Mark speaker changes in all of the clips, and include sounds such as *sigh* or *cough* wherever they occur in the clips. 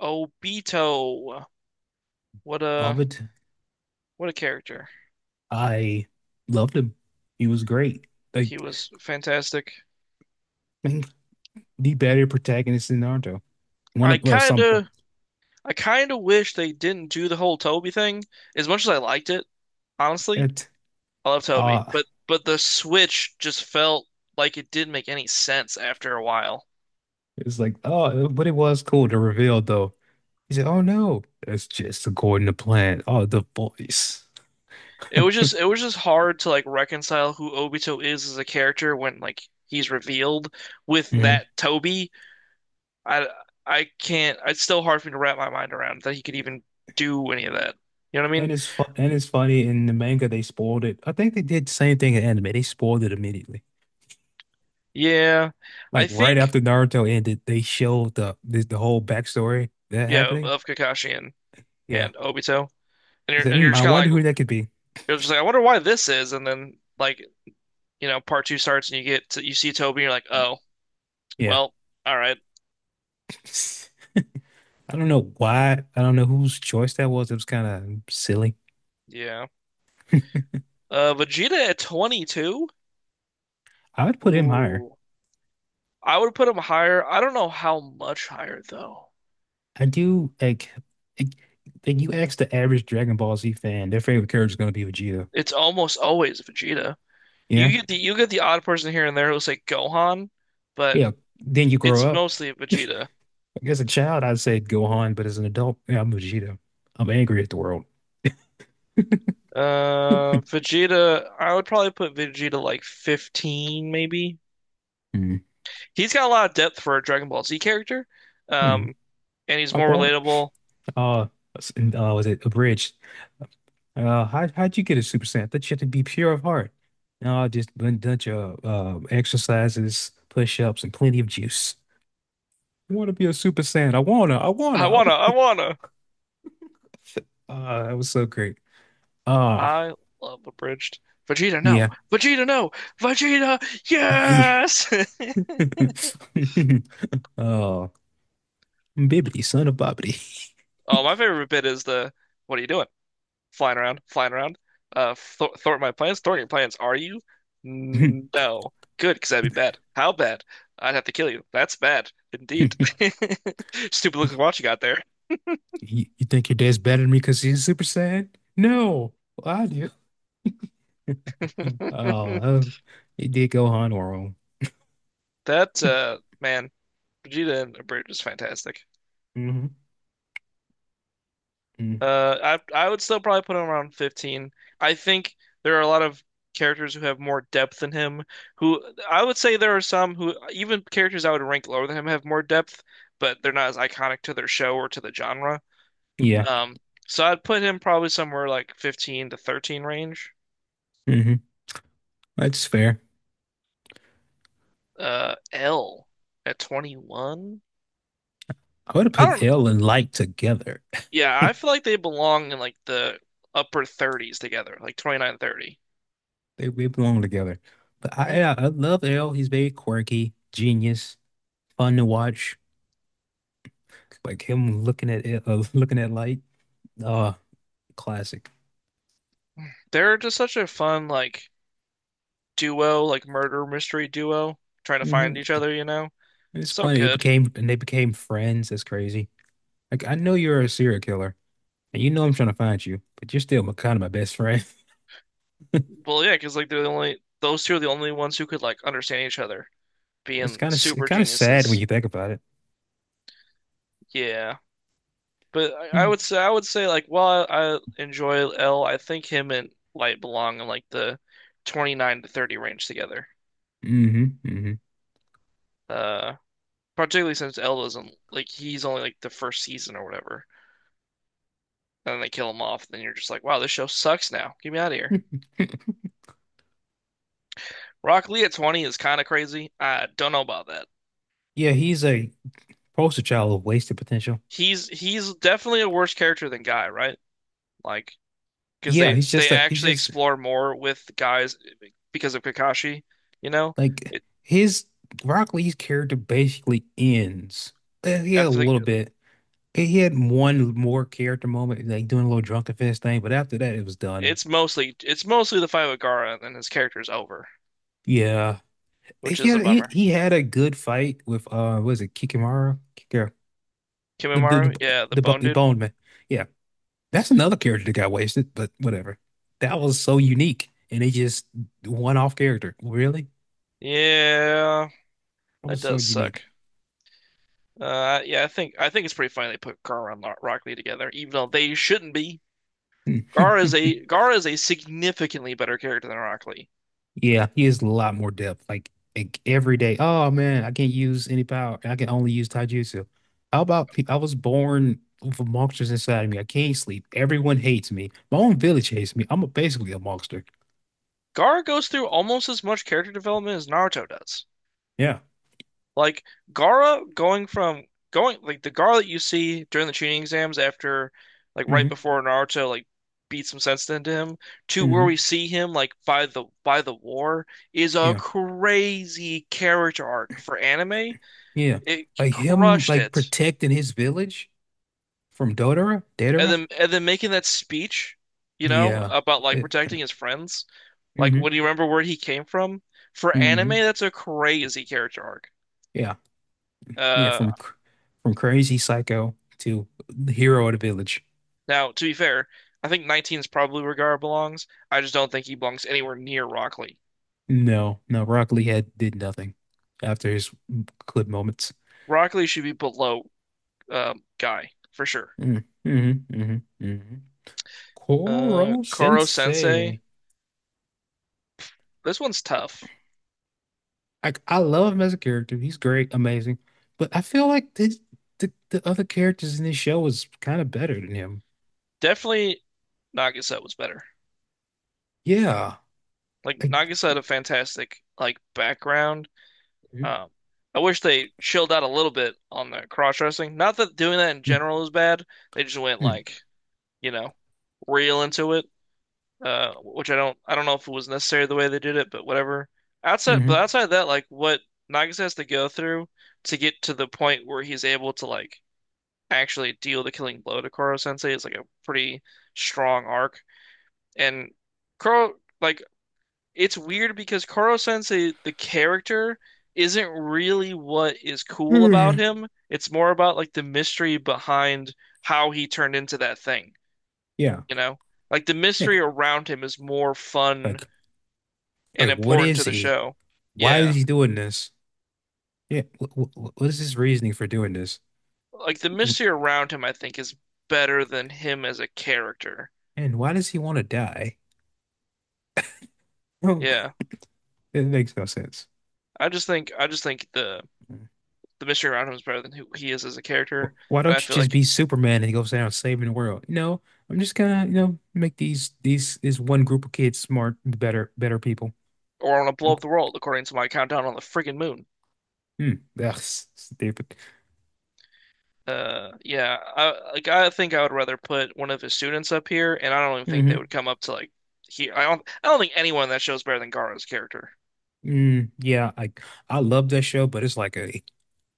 Speaker 1: Obito. What a
Speaker 2: Ovid,
Speaker 1: what a character.
Speaker 2: I loved him. He was great.
Speaker 1: He
Speaker 2: Like,
Speaker 1: was fantastic.
Speaker 2: *clears throat* I think the better protagonist in Naruto. One
Speaker 1: I
Speaker 2: of, well,
Speaker 1: kind
Speaker 2: some,
Speaker 1: of I kind of wish they didn't do the whole Toby thing. As much as I liked it, honestly,
Speaker 2: it,
Speaker 1: I love Toby,
Speaker 2: uh,
Speaker 1: but the switch just felt like it didn't make any sense after a while.
Speaker 2: it was like, oh, but it was cool to reveal, though. He said, oh, no, that's just according to plan. Oh, the voice.
Speaker 1: It was just hard to like reconcile who Obito is as a character when like he's revealed with that
Speaker 2: hmm
Speaker 1: Toby. I I can't. It's still hard for me to wrap my mind around that he could even do any of that. You know what I mean?
Speaker 2: and it's funny in the manga they spoiled it. I think they did the same thing in anime. They spoiled it immediately.
Speaker 1: Yeah,
Speaker 2: Like
Speaker 1: I
Speaker 2: right
Speaker 1: think
Speaker 2: after Naruto ended, they showed the whole backstory that
Speaker 1: yeah of,
Speaker 2: happening.
Speaker 1: of Kakashi
Speaker 2: Yeah.
Speaker 1: and Obito, and
Speaker 2: He
Speaker 1: you're
Speaker 2: said,
Speaker 1: and
Speaker 2: hmm,
Speaker 1: you're
Speaker 2: I
Speaker 1: just
Speaker 2: wonder
Speaker 1: kind of
Speaker 2: who
Speaker 1: like
Speaker 2: that could be.
Speaker 1: you're just like I wonder why this is, and then like you know part two starts and you get to, you see Toby and you're like oh
Speaker 2: Yeah.
Speaker 1: well all right
Speaker 2: I don't know why. I don't know whose choice that was. It was kind of silly.
Speaker 1: yeah, Vegeta at 22.
Speaker 2: I would put him higher.
Speaker 1: Ooh. I would put him higher. I don't know how much higher though.
Speaker 2: I do like like, you ask the average Dragon Ball Z fan, their favorite character is going to be Vegeta.
Speaker 1: It's almost always Vegeta.
Speaker 2: Yeah.
Speaker 1: You get the you get the odd person here and there who's like Gohan, but
Speaker 2: Yeah. Then you grow
Speaker 1: it's
Speaker 2: up.
Speaker 1: mostly Vegeta.
Speaker 2: Like, as a child, I'd say Gohan, but as an adult, yeah, I'm Vegeta. I'm angry at the world.
Speaker 1: Vegeta, I would probably put Vegeta like 15, maybe.
Speaker 2: Mm.
Speaker 1: He's got a lot of depth for a Dragon Ball Z character.
Speaker 2: Mm.
Speaker 1: Um, and he's
Speaker 2: I
Speaker 1: more
Speaker 2: want
Speaker 1: relatable.
Speaker 2: uh, s- and, was it a bridge? How'd you get a super saiyan? That you had to be pure of heart. No, I just been done your exercises, push-ups, and plenty of juice. I want to be a super saiyan. I wanna. I wanna. I w
Speaker 1: I wanna.
Speaker 2: That was so great. Ah,
Speaker 1: I love Abridged. Vegeta, no.
Speaker 2: yeah.
Speaker 1: Vegeta, no. Vegeta,
Speaker 2: *laughs* Yeah.
Speaker 1: yes. *laughs*
Speaker 2: Oh, Bibbidi, son of Bobbidi.
Speaker 1: Oh, my favorite bit is the, what are you doing? Flying around, flying around. Th Thwart my plans, thwart your plans. Are you?
Speaker 2: *laughs*
Speaker 1: No. Good, because that'd be bad. How bad? I'd have to kill you. That's bad, indeed. *laughs* Stupid
Speaker 2: You,
Speaker 1: looking watch you got there.
Speaker 2: you think your dad's better than me because he's a super saiyan? No, well, I do. Oh,
Speaker 1: *laughs*
Speaker 2: uh, it did Gohan wrong.
Speaker 1: That man, Vegeta and Abridged is fantastic.
Speaker 2: hmm
Speaker 1: Uh, I would still probably put him around 15. I think there are a lot of characters who have more depth than him. Who I would say there are some who even characters I would rank lower than him have more depth, but they're not as iconic to their show or to the genre.
Speaker 2: Yeah.
Speaker 1: Um, so I'd put him probably somewhere like 15 to 13 range.
Speaker 2: hmm That's fair.
Speaker 1: L at 21.
Speaker 2: I would have
Speaker 1: I don't
Speaker 2: put
Speaker 1: know.
Speaker 2: L and like together. *laughs*
Speaker 1: Yeah, I feel like they belong in like the upper 30s together, like 29, 30.
Speaker 2: They belong together. But
Speaker 1: Right?
Speaker 2: yeah, I love L. He's very quirky, genius, fun to watch. Like him looking at looking at light. Uh, classic.
Speaker 1: They're just such a fun like duo, like murder mystery duo, trying to
Speaker 2: hmm
Speaker 1: find each other, you know?
Speaker 2: It's
Speaker 1: So
Speaker 2: funny. It
Speaker 1: good.
Speaker 2: became and they became friends. That's crazy. Like I know you're a serial killer, and you know I'm trying to find you, but you're still my kind of my best friend. *laughs*
Speaker 1: Well, yeah, because like they're the only those two are the only ones who could like understand each other,
Speaker 2: It's
Speaker 1: being
Speaker 2: kind of it's
Speaker 1: super
Speaker 2: kind of sad when
Speaker 1: geniuses.
Speaker 2: you think about it.
Speaker 1: Yeah. But I
Speaker 2: Mm-hmm.
Speaker 1: would say I would say like while I enjoy L, I think him and Light belong in like the 29 to 30 range together.
Speaker 2: hmm
Speaker 1: Uh, Particularly since L doesn't like he's only like the first season or whatever, and then they kill him off. And then you're just like, wow, this show sucks now. Get me out of here.
Speaker 2: *laughs*
Speaker 1: Rock Lee at 20 is kind of crazy. I don't know about that.
Speaker 2: Yeah, he's a poster child of wasted potential.
Speaker 1: He's definitely a worse character than Guy, right? Like because
Speaker 2: Yeah,
Speaker 1: they
Speaker 2: he's just
Speaker 1: they
Speaker 2: a he's
Speaker 1: actually
Speaker 2: just
Speaker 1: explore more with guys because of Kakashi, you know?
Speaker 2: Like
Speaker 1: It,
Speaker 2: his Rock Lee's character basically ends. He had a
Speaker 1: after the,
Speaker 2: little bit. He had one more character moment, like doing a little drunken fist thing, but after that, it was done.
Speaker 1: it's mostly it's mostly the fight with Gaara, and then his character's over,
Speaker 2: Yeah,
Speaker 1: which
Speaker 2: he
Speaker 1: is a
Speaker 2: had he,
Speaker 1: bummer.
Speaker 2: he had a good fight with what is it Kikimara? Kikira, the the
Speaker 1: Kimimaru,
Speaker 2: the,
Speaker 1: yeah, the bone
Speaker 2: the
Speaker 1: dude,
Speaker 2: Bone Man. Yeah, that's another character that got wasted, but whatever. That was so unique, and they just one off character. Really,
Speaker 1: yeah,
Speaker 2: that
Speaker 1: that
Speaker 2: was so
Speaker 1: does suck.
Speaker 2: unique.
Speaker 1: Yeah, I think it's pretty funny they put Gaara and Rock Lee together, even though they shouldn't be.
Speaker 2: *laughs*
Speaker 1: Gaara is a significantly better character than Rock Lee.
Speaker 2: Yeah, he is a lot more depth. Like every day, oh man, I can't use any power. I can only use taijutsu. I was born with monsters inside of me. I can't sleep. Everyone hates me. My own village hates me. Basically a monster.
Speaker 1: Gaara goes through almost as much character development as Naruto does.
Speaker 2: Yeah.
Speaker 1: Like Gara going from going like the Gara that you see during the tuning exams after like right
Speaker 2: hmm
Speaker 1: before Naruto like beat some sense into him to where we
Speaker 2: hmm
Speaker 1: see him like by the war is a
Speaker 2: Yeah.
Speaker 1: crazy character arc for anime.
Speaker 2: Yeah.
Speaker 1: It
Speaker 2: Like him,
Speaker 1: crushed
Speaker 2: like
Speaker 1: it.
Speaker 2: protecting his village from Dodora,
Speaker 1: And
Speaker 2: Dedora.
Speaker 1: then and then making that speech, you know,
Speaker 2: Yeah.
Speaker 1: about like
Speaker 2: It,
Speaker 1: protecting his friends. Like
Speaker 2: hmm
Speaker 1: what do you remember where he came from? For anime,
Speaker 2: hmm
Speaker 1: that's a crazy character arc.
Speaker 2: Yeah. Yeah.
Speaker 1: Uh
Speaker 2: From crazy psycho to the hero of the village.
Speaker 1: Now, to be fair, I think 19 is probably where Gara belongs. I just don't think he belongs anywhere near Rockley.
Speaker 2: No, no, Rock Lee had did nothing after his clip moments.
Speaker 1: Rockley should be below Guy for sure.
Speaker 2: Mm, mhm, mhm, mhm. Koro
Speaker 1: Koro Sensei,
Speaker 2: Sensei.
Speaker 1: this one's tough.
Speaker 2: I love him as a character. He's great, amazing. But I feel like the other characters in this show was kind of better than him.
Speaker 1: Definitely Nagisa was better.
Speaker 2: Yeah.
Speaker 1: Like
Speaker 2: Like,
Speaker 1: Nagisa had a fantastic like background.
Speaker 2: mm,
Speaker 1: Um, I wish they chilled out a little bit on the cross dressing. Not that doing that in
Speaker 2: mm,
Speaker 1: general is bad. They just went
Speaker 2: mm,
Speaker 1: like, you know, real into it. Which I don't know if it was necessary the way they did it, but whatever. Outside, but
Speaker 2: mhm.
Speaker 1: outside of that, like what Nagisa has to go through to get to the point where he's able to like actually deal the killing blow to Koro Sensei is like a pretty strong arc. And Koro, like it's weird because Koro Sensei, the character, isn't really what is cool about
Speaker 2: Mm.
Speaker 1: him. It's more about like the mystery behind how he turned into that thing,
Speaker 2: Yeah.
Speaker 1: you know? Like the
Speaker 2: Yeah.
Speaker 1: mystery around him is more fun
Speaker 2: Like
Speaker 1: and
Speaker 2: like what
Speaker 1: important
Speaker 2: is
Speaker 1: to the
Speaker 2: he?
Speaker 1: show.
Speaker 2: Why is
Speaker 1: Yeah.
Speaker 2: he doing this? Yeah. What is his reasoning for doing this?
Speaker 1: Like the mystery around him, I think, is better than him as a character.
Speaker 2: And why does he want to die? *laughs*
Speaker 1: Yeah.
Speaker 2: It makes no sense.
Speaker 1: I just think the mystery around him is better than who he is as a character.
Speaker 2: Why
Speaker 1: And
Speaker 2: don't
Speaker 1: I
Speaker 2: you
Speaker 1: feel
Speaker 2: just
Speaker 1: like
Speaker 2: be Superman and go down saving the world? No, I'm just gonna, you know, make these this one group of kids smart, better people.
Speaker 1: or I want to blow up the world according to my countdown on the friggin' moon.
Speaker 2: Hmm. Stupid.
Speaker 1: Yeah, I like I think I would rather put one of his students up here and I don't even think they
Speaker 2: hmm
Speaker 1: would come up to like here. I don't think anyone in that show is better than Gaara's character.
Speaker 2: Mm, yeah, I love that show, but it's like a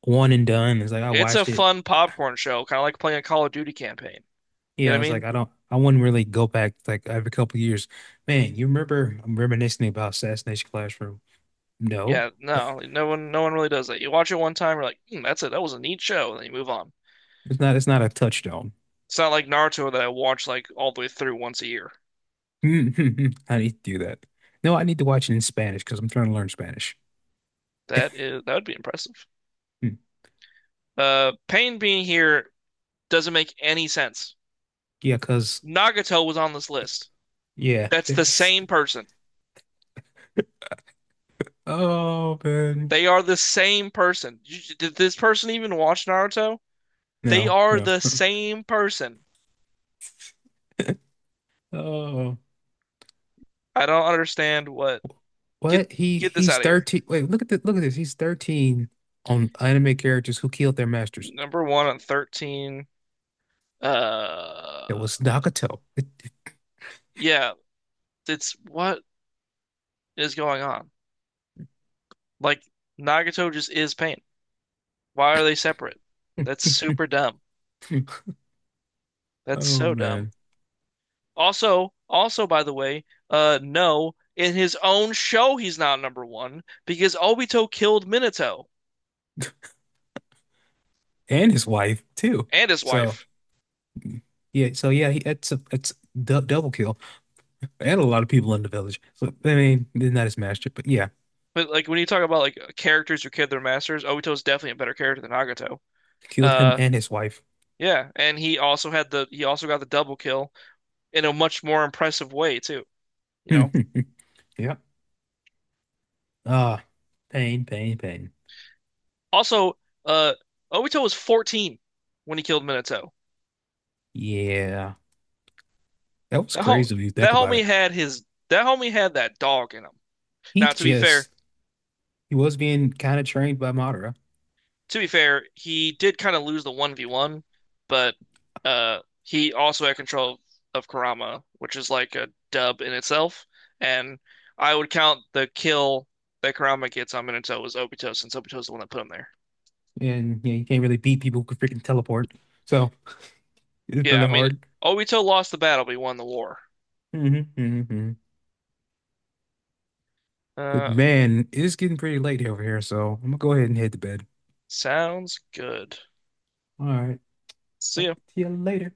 Speaker 2: one and done. It's like I
Speaker 1: It's a
Speaker 2: watched it.
Speaker 1: fun popcorn show, kind of like playing a Call of Duty campaign. You know
Speaker 2: Yeah,
Speaker 1: what
Speaker 2: it's
Speaker 1: I
Speaker 2: like
Speaker 1: mean?
Speaker 2: I wouldn't really go back like every couple of years. Man, you remember I'm reminiscing about Assassination Classroom. No,
Speaker 1: Yeah, no, like, no one really does that. You watch it one time, you're like, hmm, that's it. That was a neat show, and then you move on.
Speaker 2: it's not a touchstone.
Speaker 1: It's not like Naruto that I watch like all the way through once a year.
Speaker 2: *laughs* I need to do that. No, I need to watch it in Spanish because I'm trying to learn Spanish.
Speaker 1: That is, that would be impressive.
Speaker 2: Hmm.
Speaker 1: Pain being here doesn't make any sense.
Speaker 2: Yeah, because,
Speaker 1: Nagato was on this list.
Speaker 2: yeah.
Speaker 1: That's the same person.
Speaker 2: Oh, man.
Speaker 1: They are the same person. Did this person even watch Naruto? They
Speaker 2: No,
Speaker 1: are
Speaker 2: no.
Speaker 1: the same person.
Speaker 2: Oh,
Speaker 1: I don't understand what. Get
Speaker 2: what? He
Speaker 1: get this
Speaker 2: he's
Speaker 1: out of here.
Speaker 2: 13. Wait, look at this. He's 13 on anime characters who killed their masters.
Speaker 1: Number one on 13. Uh,
Speaker 2: That was Nagato. *laughs*
Speaker 1: yeah, it's what is going on? Like Nagato just is pain. Why are they separate? That's super dumb. That's
Speaker 2: Oh,
Speaker 1: so dumb.
Speaker 2: man.
Speaker 1: Also, also by the way, no, in his own show he's not number one because Obito killed Minato
Speaker 2: And his wife, too.
Speaker 1: and his
Speaker 2: So,
Speaker 1: wife.
Speaker 2: yeah, so yeah, it's a it's du double kill. And a lot of people in the village. So, I mean, not his master, but yeah,
Speaker 1: But like when you talk about like characters who killed their masters, Obito's definitely a better character than Nagato.
Speaker 2: killed him
Speaker 1: Uh
Speaker 2: and his wife.
Speaker 1: yeah, and he also got the double kill in a much more impressive way too, you know?
Speaker 2: *laughs* Yep. Ah, pain, pain, pain.
Speaker 1: Also, uh, Obito was 14 when he killed Minato.
Speaker 2: Yeah. That was
Speaker 1: That whole
Speaker 2: crazy if you think about it.
Speaker 1: that homie had that dog in him.
Speaker 2: He
Speaker 1: Now,
Speaker 2: just he was being kind of trained by Madara.
Speaker 1: to be fair, he did kind of lose the 1v1, but he also had control of Kurama, which is like a dub in itself. And I would count the kill that Kurama gets on Minato as Obito, since Obito's the one that put him there.
Speaker 2: And you know you can't really beat people who can freaking teleport. So it's
Speaker 1: Yeah, I
Speaker 2: really
Speaker 1: mean,
Speaker 2: hard.
Speaker 1: Obito lost the battle, but he won the war.
Speaker 2: hmm hmm But
Speaker 1: Uh,
Speaker 2: man, it is getting pretty late over here, so I'm gonna go ahead and head to bed.
Speaker 1: Sounds good.
Speaker 2: All right.
Speaker 1: See ya.
Speaker 2: Talk to you later.